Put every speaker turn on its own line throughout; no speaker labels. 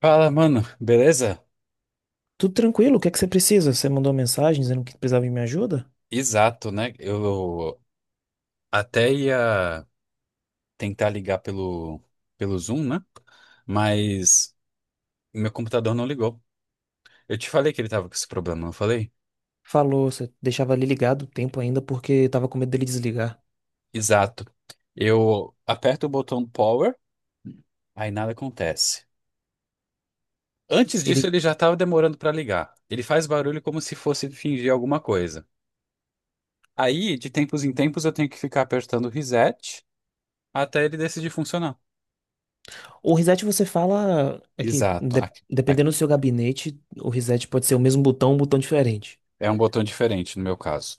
Fala, mano, beleza?
Tudo tranquilo, o que é que você precisa? Você mandou mensagem dizendo que precisava de minha ajuda?
Exato, né? Eu até ia tentar ligar pelo Zoom, né? Mas meu computador não ligou. Eu te falei que ele tava com esse problema, não falei?
Falou, você deixava ele ligado o tempo ainda porque tava com medo dele desligar.
Exato. Eu aperto o botão power, aí nada acontece. Antes disso,
Ele,
ele já tava demorando pra ligar. Ele faz barulho como se fosse fingir alguma coisa. Aí, de tempos em tempos, eu tenho que ficar apertando o reset até ele decidir funcionar.
o reset você fala é que
Exato. Aqui-
dependendo do seu gabinete, o reset pode ser o mesmo botão, um botão diferente.
É um botão diferente no meu caso.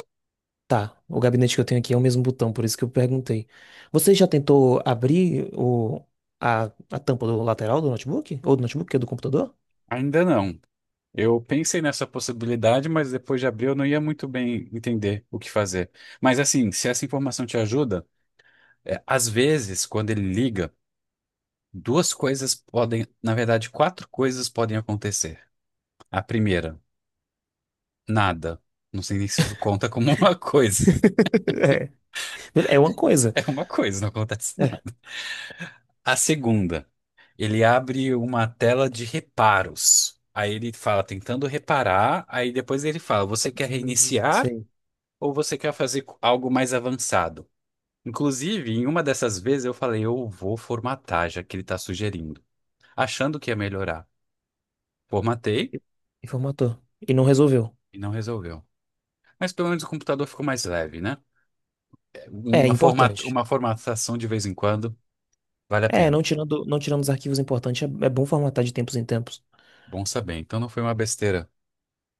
Tá, o gabinete que eu tenho aqui é o mesmo botão, por isso que eu perguntei. Você já tentou abrir a, a tampa do lateral do notebook? Ou do notebook, que é do computador?
Ainda não. Eu pensei nessa possibilidade, mas depois de abril eu não ia muito bem entender o que fazer. Mas assim, se essa informação te ajuda, às vezes, quando ele liga, duas coisas podem, na verdade, quatro coisas podem acontecer. A primeira, nada. Não sei nem se isso conta como uma coisa.
É. É uma coisa.
É uma coisa, não acontece
É.
nada. A segunda, ele abre uma tela de reparos. Aí ele fala tentando reparar, aí depois ele fala, você quer reiniciar?
Sei.
Ou você quer fazer algo mais avançado? Inclusive, em uma dessas vezes eu falei, eu vou formatar, já que ele está sugerindo, achando que ia melhorar. Formatei
E e formatou. E não resolveu.
e não resolveu. Mas pelo menos o computador ficou mais leve, né?
É
Uma
importante.
uma formatação de vez em quando vale a
É,
pena.
não tirando, não tirando os arquivos importantes, é, é bom formatar de tempos em tempos.
Bom saber. Então não foi uma besteira.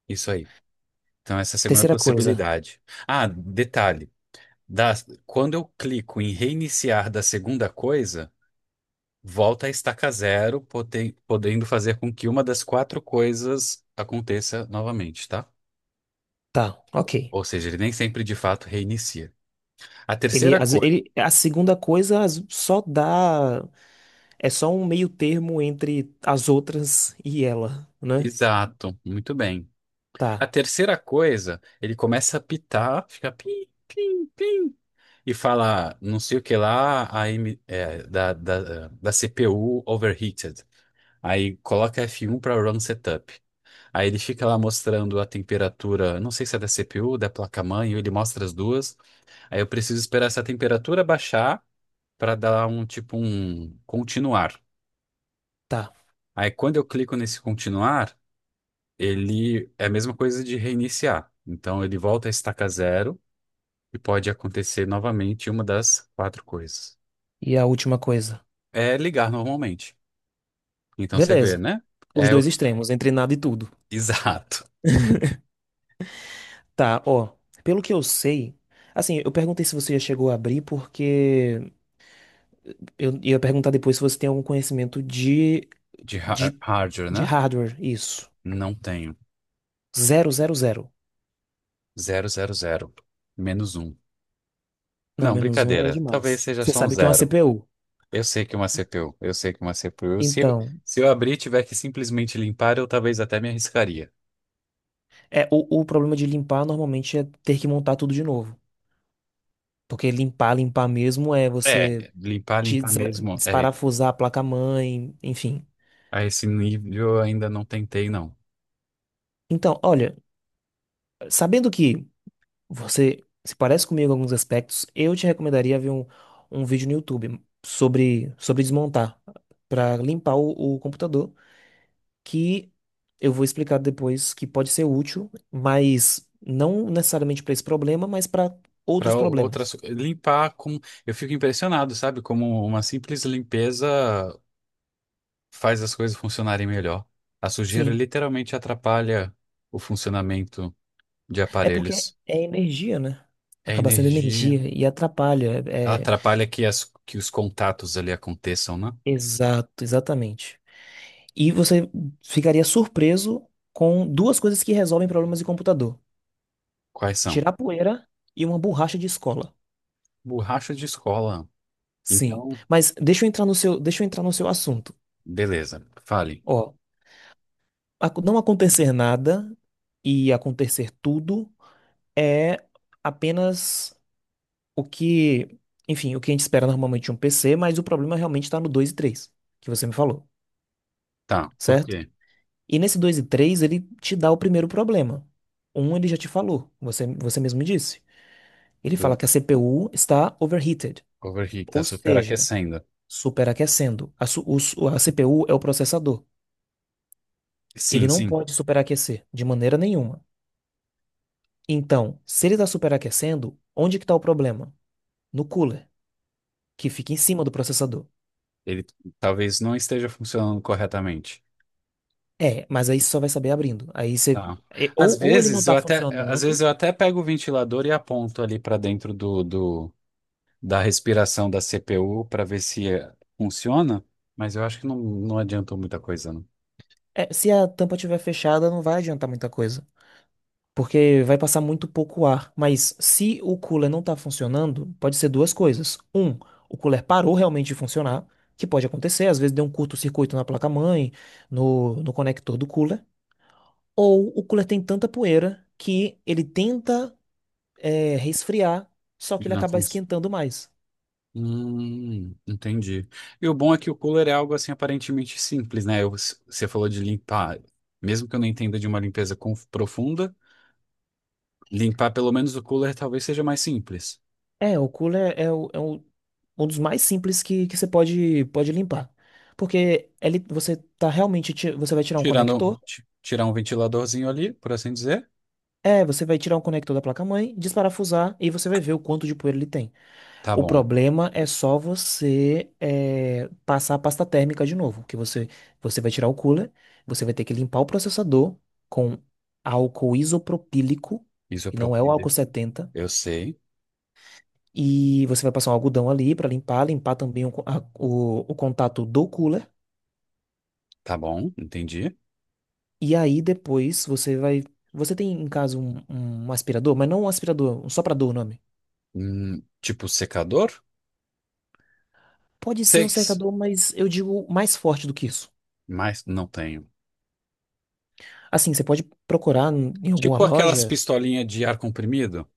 Isso aí. Então essa é a segunda
Terceira coisa,
possibilidade. Ah, detalhe. Da, Quando eu clico em reiniciar da segunda coisa, volta à estaca zero, podendo fazer com que uma das quatro coisas aconteça novamente, tá?
tá, ok.
Ou seja, ele nem sempre de fato reinicia. A terceira coisa.
A segunda coisa só dá, é só um meio termo entre as outras e ela, né?
Exato, muito bem. A
Tá,
terceira coisa, ele começa a pitar, fica pim, pim, pim, e fala não sei o que lá, a M- é, da, da, da CPU overheated. Aí coloca F1 para run setup. Aí ele fica lá mostrando a temperatura, não sei se é da CPU, da placa-mãe, ele mostra as duas. Aí eu preciso esperar essa temperatura baixar para dar um tipo um continuar.
tá.
Aí quando eu clico nesse continuar, ele é a mesma coisa de reiniciar. Então ele volta a estaca zero e pode acontecer novamente uma das quatro coisas.
E a última coisa,
É ligar normalmente. Então você vê,
beleza.
né?
Os
É o-
dois extremos, entre nada e tudo.
exato.
Tá, ó. Pelo que eu sei, assim, eu perguntei se você já chegou a abrir porque eu ia perguntar depois se você tem algum conhecimento
De
de,
hardware,
de
né?
hardware, isso.
Não tenho.
Zero, zero, zero.
Zero, zero, zero. Menos um.
Não,
Não,
menos um é
brincadeira. Talvez
demais.
seja
Você
só um
sabe o que é uma
zero.
CPU.
Eu sei que é uma CPU, eu sei que é uma CPU.
Então,
Se eu abrir e tiver que simplesmente limpar, eu talvez até me arriscaria.
é o problema de limpar normalmente é ter que montar tudo de novo. Porque limpar, limpar mesmo é
É,
você
limpar, limpar mesmo. É,
desparafusar a placa-mãe, enfim.
a esse nível eu ainda não tentei, não.
Então, olha, sabendo que você se parece comigo em alguns aspectos, eu te recomendaria ver um vídeo no YouTube sobre, sobre desmontar, para limpar o computador que eu vou explicar depois que pode ser útil, mas não necessariamente para esse problema, mas para outros
Para outras,
problemas.
limpar com. Eu fico impressionado, sabe? Como uma simples limpeza faz as coisas funcionarem melhor. A sujeira
Sim,
literalmente atrapalha o funcionamento de
é porque
aparelhos.
é energia, né?
É
Acaba sendo
energia.
energia e atrapalha.
Ela
É,
atrapalha que os contatos ali aconteçam, né?
exato, exatamente. E você ficaria surpreso com duas coisas que resolvem problemas de computador:
Quais são?
tirar poeira e uma borracha de escola.
Borracha de escola.
Sim,
Então,
mas deixa eu entrar no seu, deixa eu entrar no seu assunto.
beleza, fale.
Ó, não acontecer nada e acontecer tudo é apenas o que, enfim, o que a gente espera normalmente de um PC, mas o problema realmente está no 2 e 3 que você me falou,
Tá, por quê?
certo? E nesse 2 e 3 ele te dá o primeiro problema. Um, ele já te falou, você, você mesmo me disse. Ele fala
Do
que a CPU está overheated,
overheat tá
ou seja,
superaquecendo.
superaquecendo. A CPU é o processador. Ele
Sim,
não
sim,
pode superaquecer de maneira nenhuma. Então, se ele está superaquecendo, onde que está o problema? No cooler, que fica em cima do processador.
ele talvez não esteja funcionando corretamente.
É, mas aí você só vai saber abrindo. Aí você.
Tá.
Ou ele não está
Às vezes
funcionando.
eu até pego o ventilador e aponto ali para dentro do da respiração da CPU para ver se funciona, mas eu acho que não adiantou muita coisa, não.
É, se a tampa estiver fechada, não vai adiantar muita coisa. Porque vai passar muito pouco ar. Mas se o cooler não está funcionando, pode ser duas coisas. Um, o cooler parou realmente de funcionar, que pode acontecer, às vezes deu um curto-circuito na placa-mãe, no conector do cooler. Ou o cooler tem tanta poeira que ele tenta resfriar, só que
Ele
ele
não,
acaba
fun-
esquentando mais.
Entendi. E o bom é que o cooler é algo assim aparentemente simples, né? Você falou de limpar, mesmo que eu não entenda de uma limpeza profunda, limpar pelo menos o cooler talvez seja mais simples.
É, o cooler é um dos mais simples que você pode, pode limpar. Porque ele, você tá realmente, você vai tirar um
Tirando,
conector,
tirar um ventiladorzinho ali, por assim dizer.
você vai tirar um conector da placa-mãe, desparafusar e você vai ver o quanto de poeira ele tem.
Tá
O
bom.
problema é só você passar a pasta térmica de novo, que você, você vai tirar o cooler, você vai ter que limpar o processador com álcool isopropílico,
Isso é
e não é o álcool
propíleo.
70.
Eu sei.
E você vai passar um algodão ali para limpar, limpar também o, co- a- o contato do cooler.
Tá bom, entendi.
E aí depois você vai. Você tem em casa um aspirador, mas não um aspirador, um soprador o nome.
Tipo secador?
Pode ser um
Seis.
secador, mas eu digo mais forte do que isso.
Mas não tenho.
Assim, você pode procurar em em alguma
Tipo aquelas
loja.
pistolinhas de ar comprimido?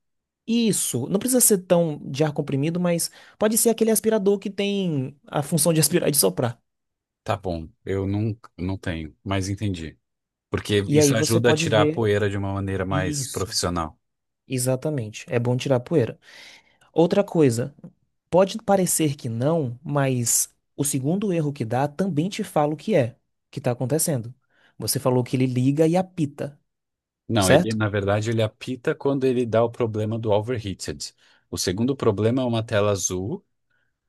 Isso, não precisa ser tão de ar comprimido, mas pode ser aquele aspirador que tem a função de aspirar e de soprar.
Tá bom, eu não tenho, mas entendi. Porque
E aí
isso
você
ajuda a
pode
tirar a
ver
poeira de uma maneira mais
isso.
profissional.
Exatamente. É bom tirar a poeira. Outra coisa, pode parecer que não, mas o segundo erro que dá também te fala o que é que está acontecendo. Você falou que ele liga e apita,
Não, ele,
certo?
na verdade, ele apita quando ele dá o problema do overheated. O segundo problema é uma tela azul.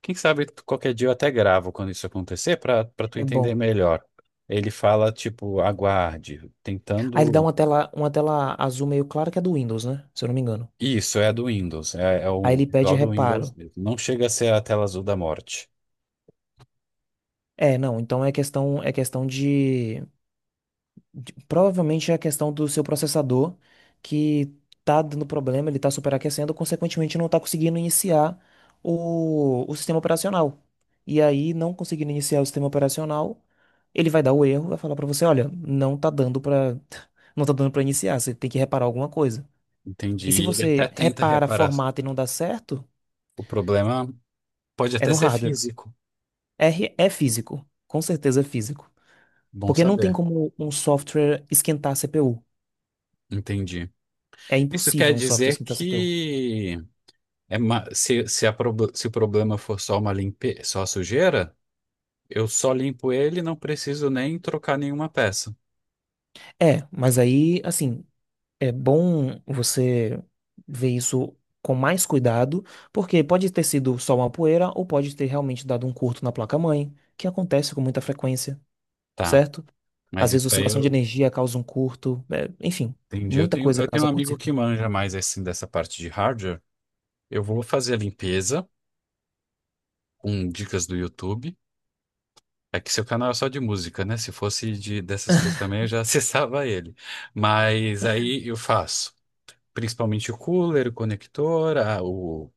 Quem sabe qualquer dia eu até gravo quando isso acontecer para para tu
É
entender
bom.
melhor. Ele fala, tipo, aguarde,
Aí ele dá
tentando.
uma tela azul meio clara que é do Windows, né? Se eu não me engano.
Isso, é a do Windows. É, é
Aí
o
ele pede
visual do Windows
reparo.
mesmo. Não chega a ser a tela azul da morte.
É, não, então é questão de Provavelmente é a questão do seu processador que tá dando problema, ele tá superaquecendo, consequentemente não tá conseguindo iniciar o sistema operacional. E aí, não conseguindo iniciar o sistema operacional, ele vai dar o erro, vai falar para você, olha, não tá dando para não tá dando para iniciar, você tem que reparar alguma coisa.
Entendi.
E se
E ele até
você
tenta
repara,
reparar.
formata e não dá certo,
O problema pode
é
até
no
ser
hardware.
físico.
R é físico, com certeza é físico.
Bom
Porque não tem
saber.
como um software esquentar a CPU.
Entendi.
É
Isso quer
impossível um software
dizer
esquentar a CPU.
que se o problema for só uma limpe... só a sujeira, eu só limpo ele, e não preciso nem trocar nenhuma peça.
É, mas aí, assim, é bom você ver isso com mais cuidado, porque pode ter sido só uma poeira ou pode ter realmente dado um curto na placa-mãe, que acontece com muita frequência,
Tá,
certo?
mas
Às vezes,
isso aí
oscilação de
eu
energia causa um curto, é, enfim,
entendi.
muita coisa
Eu tenho um
causa
amigo
curto-circuito.
que manja mais assim dessa parte de hardware. Eu vou fazer a limpeza com dicas do YouTube. É que seu canal é só de música, né? Se fosse de dessas coisas também, eu já acessava ele. Mas aí eu faço, principalmente o cooler, o conector, o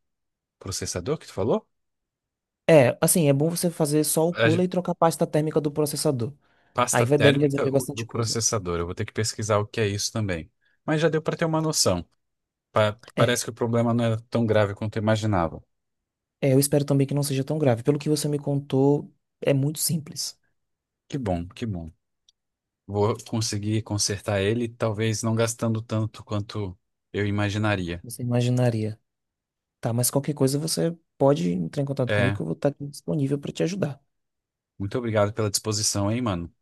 processador que tu falou?
É, assim, é bom você fazer só o
a ge-
cooler e trocar a pasta térmica do processador. Aí
Pasta
vai, deve
térmica
resolver
do
bastante coisa.
processador. Eu vou ter que pesquisar o que é isso também. Mas já deu para ter uma noção.
É,
Parece que o problema não era tão grave quanto eu imaginava.
é, eu espero também que não seja tão grave. Pelo que você me contou, é muito simples.
Que bom, que bom. Vou conseguir consertar ele, talvez não gastando tanto quanto eu imaginaria.
Você imaginaria. Tá, mas qualquer coisa você pode entrar em contato comigo
É,
que eu vou estar aqui disponível para te ajudar.
muito obrigado pela disposição, hein, mano?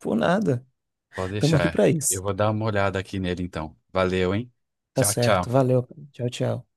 Por nada.
Pode
Estamos aqui
deixar.
para isso.
Eu vou dar uma olhada aqui nele então. Valeu, hein?
Tá
Tchau,
certo.
tchau.
Valeu. Tchau, tchau.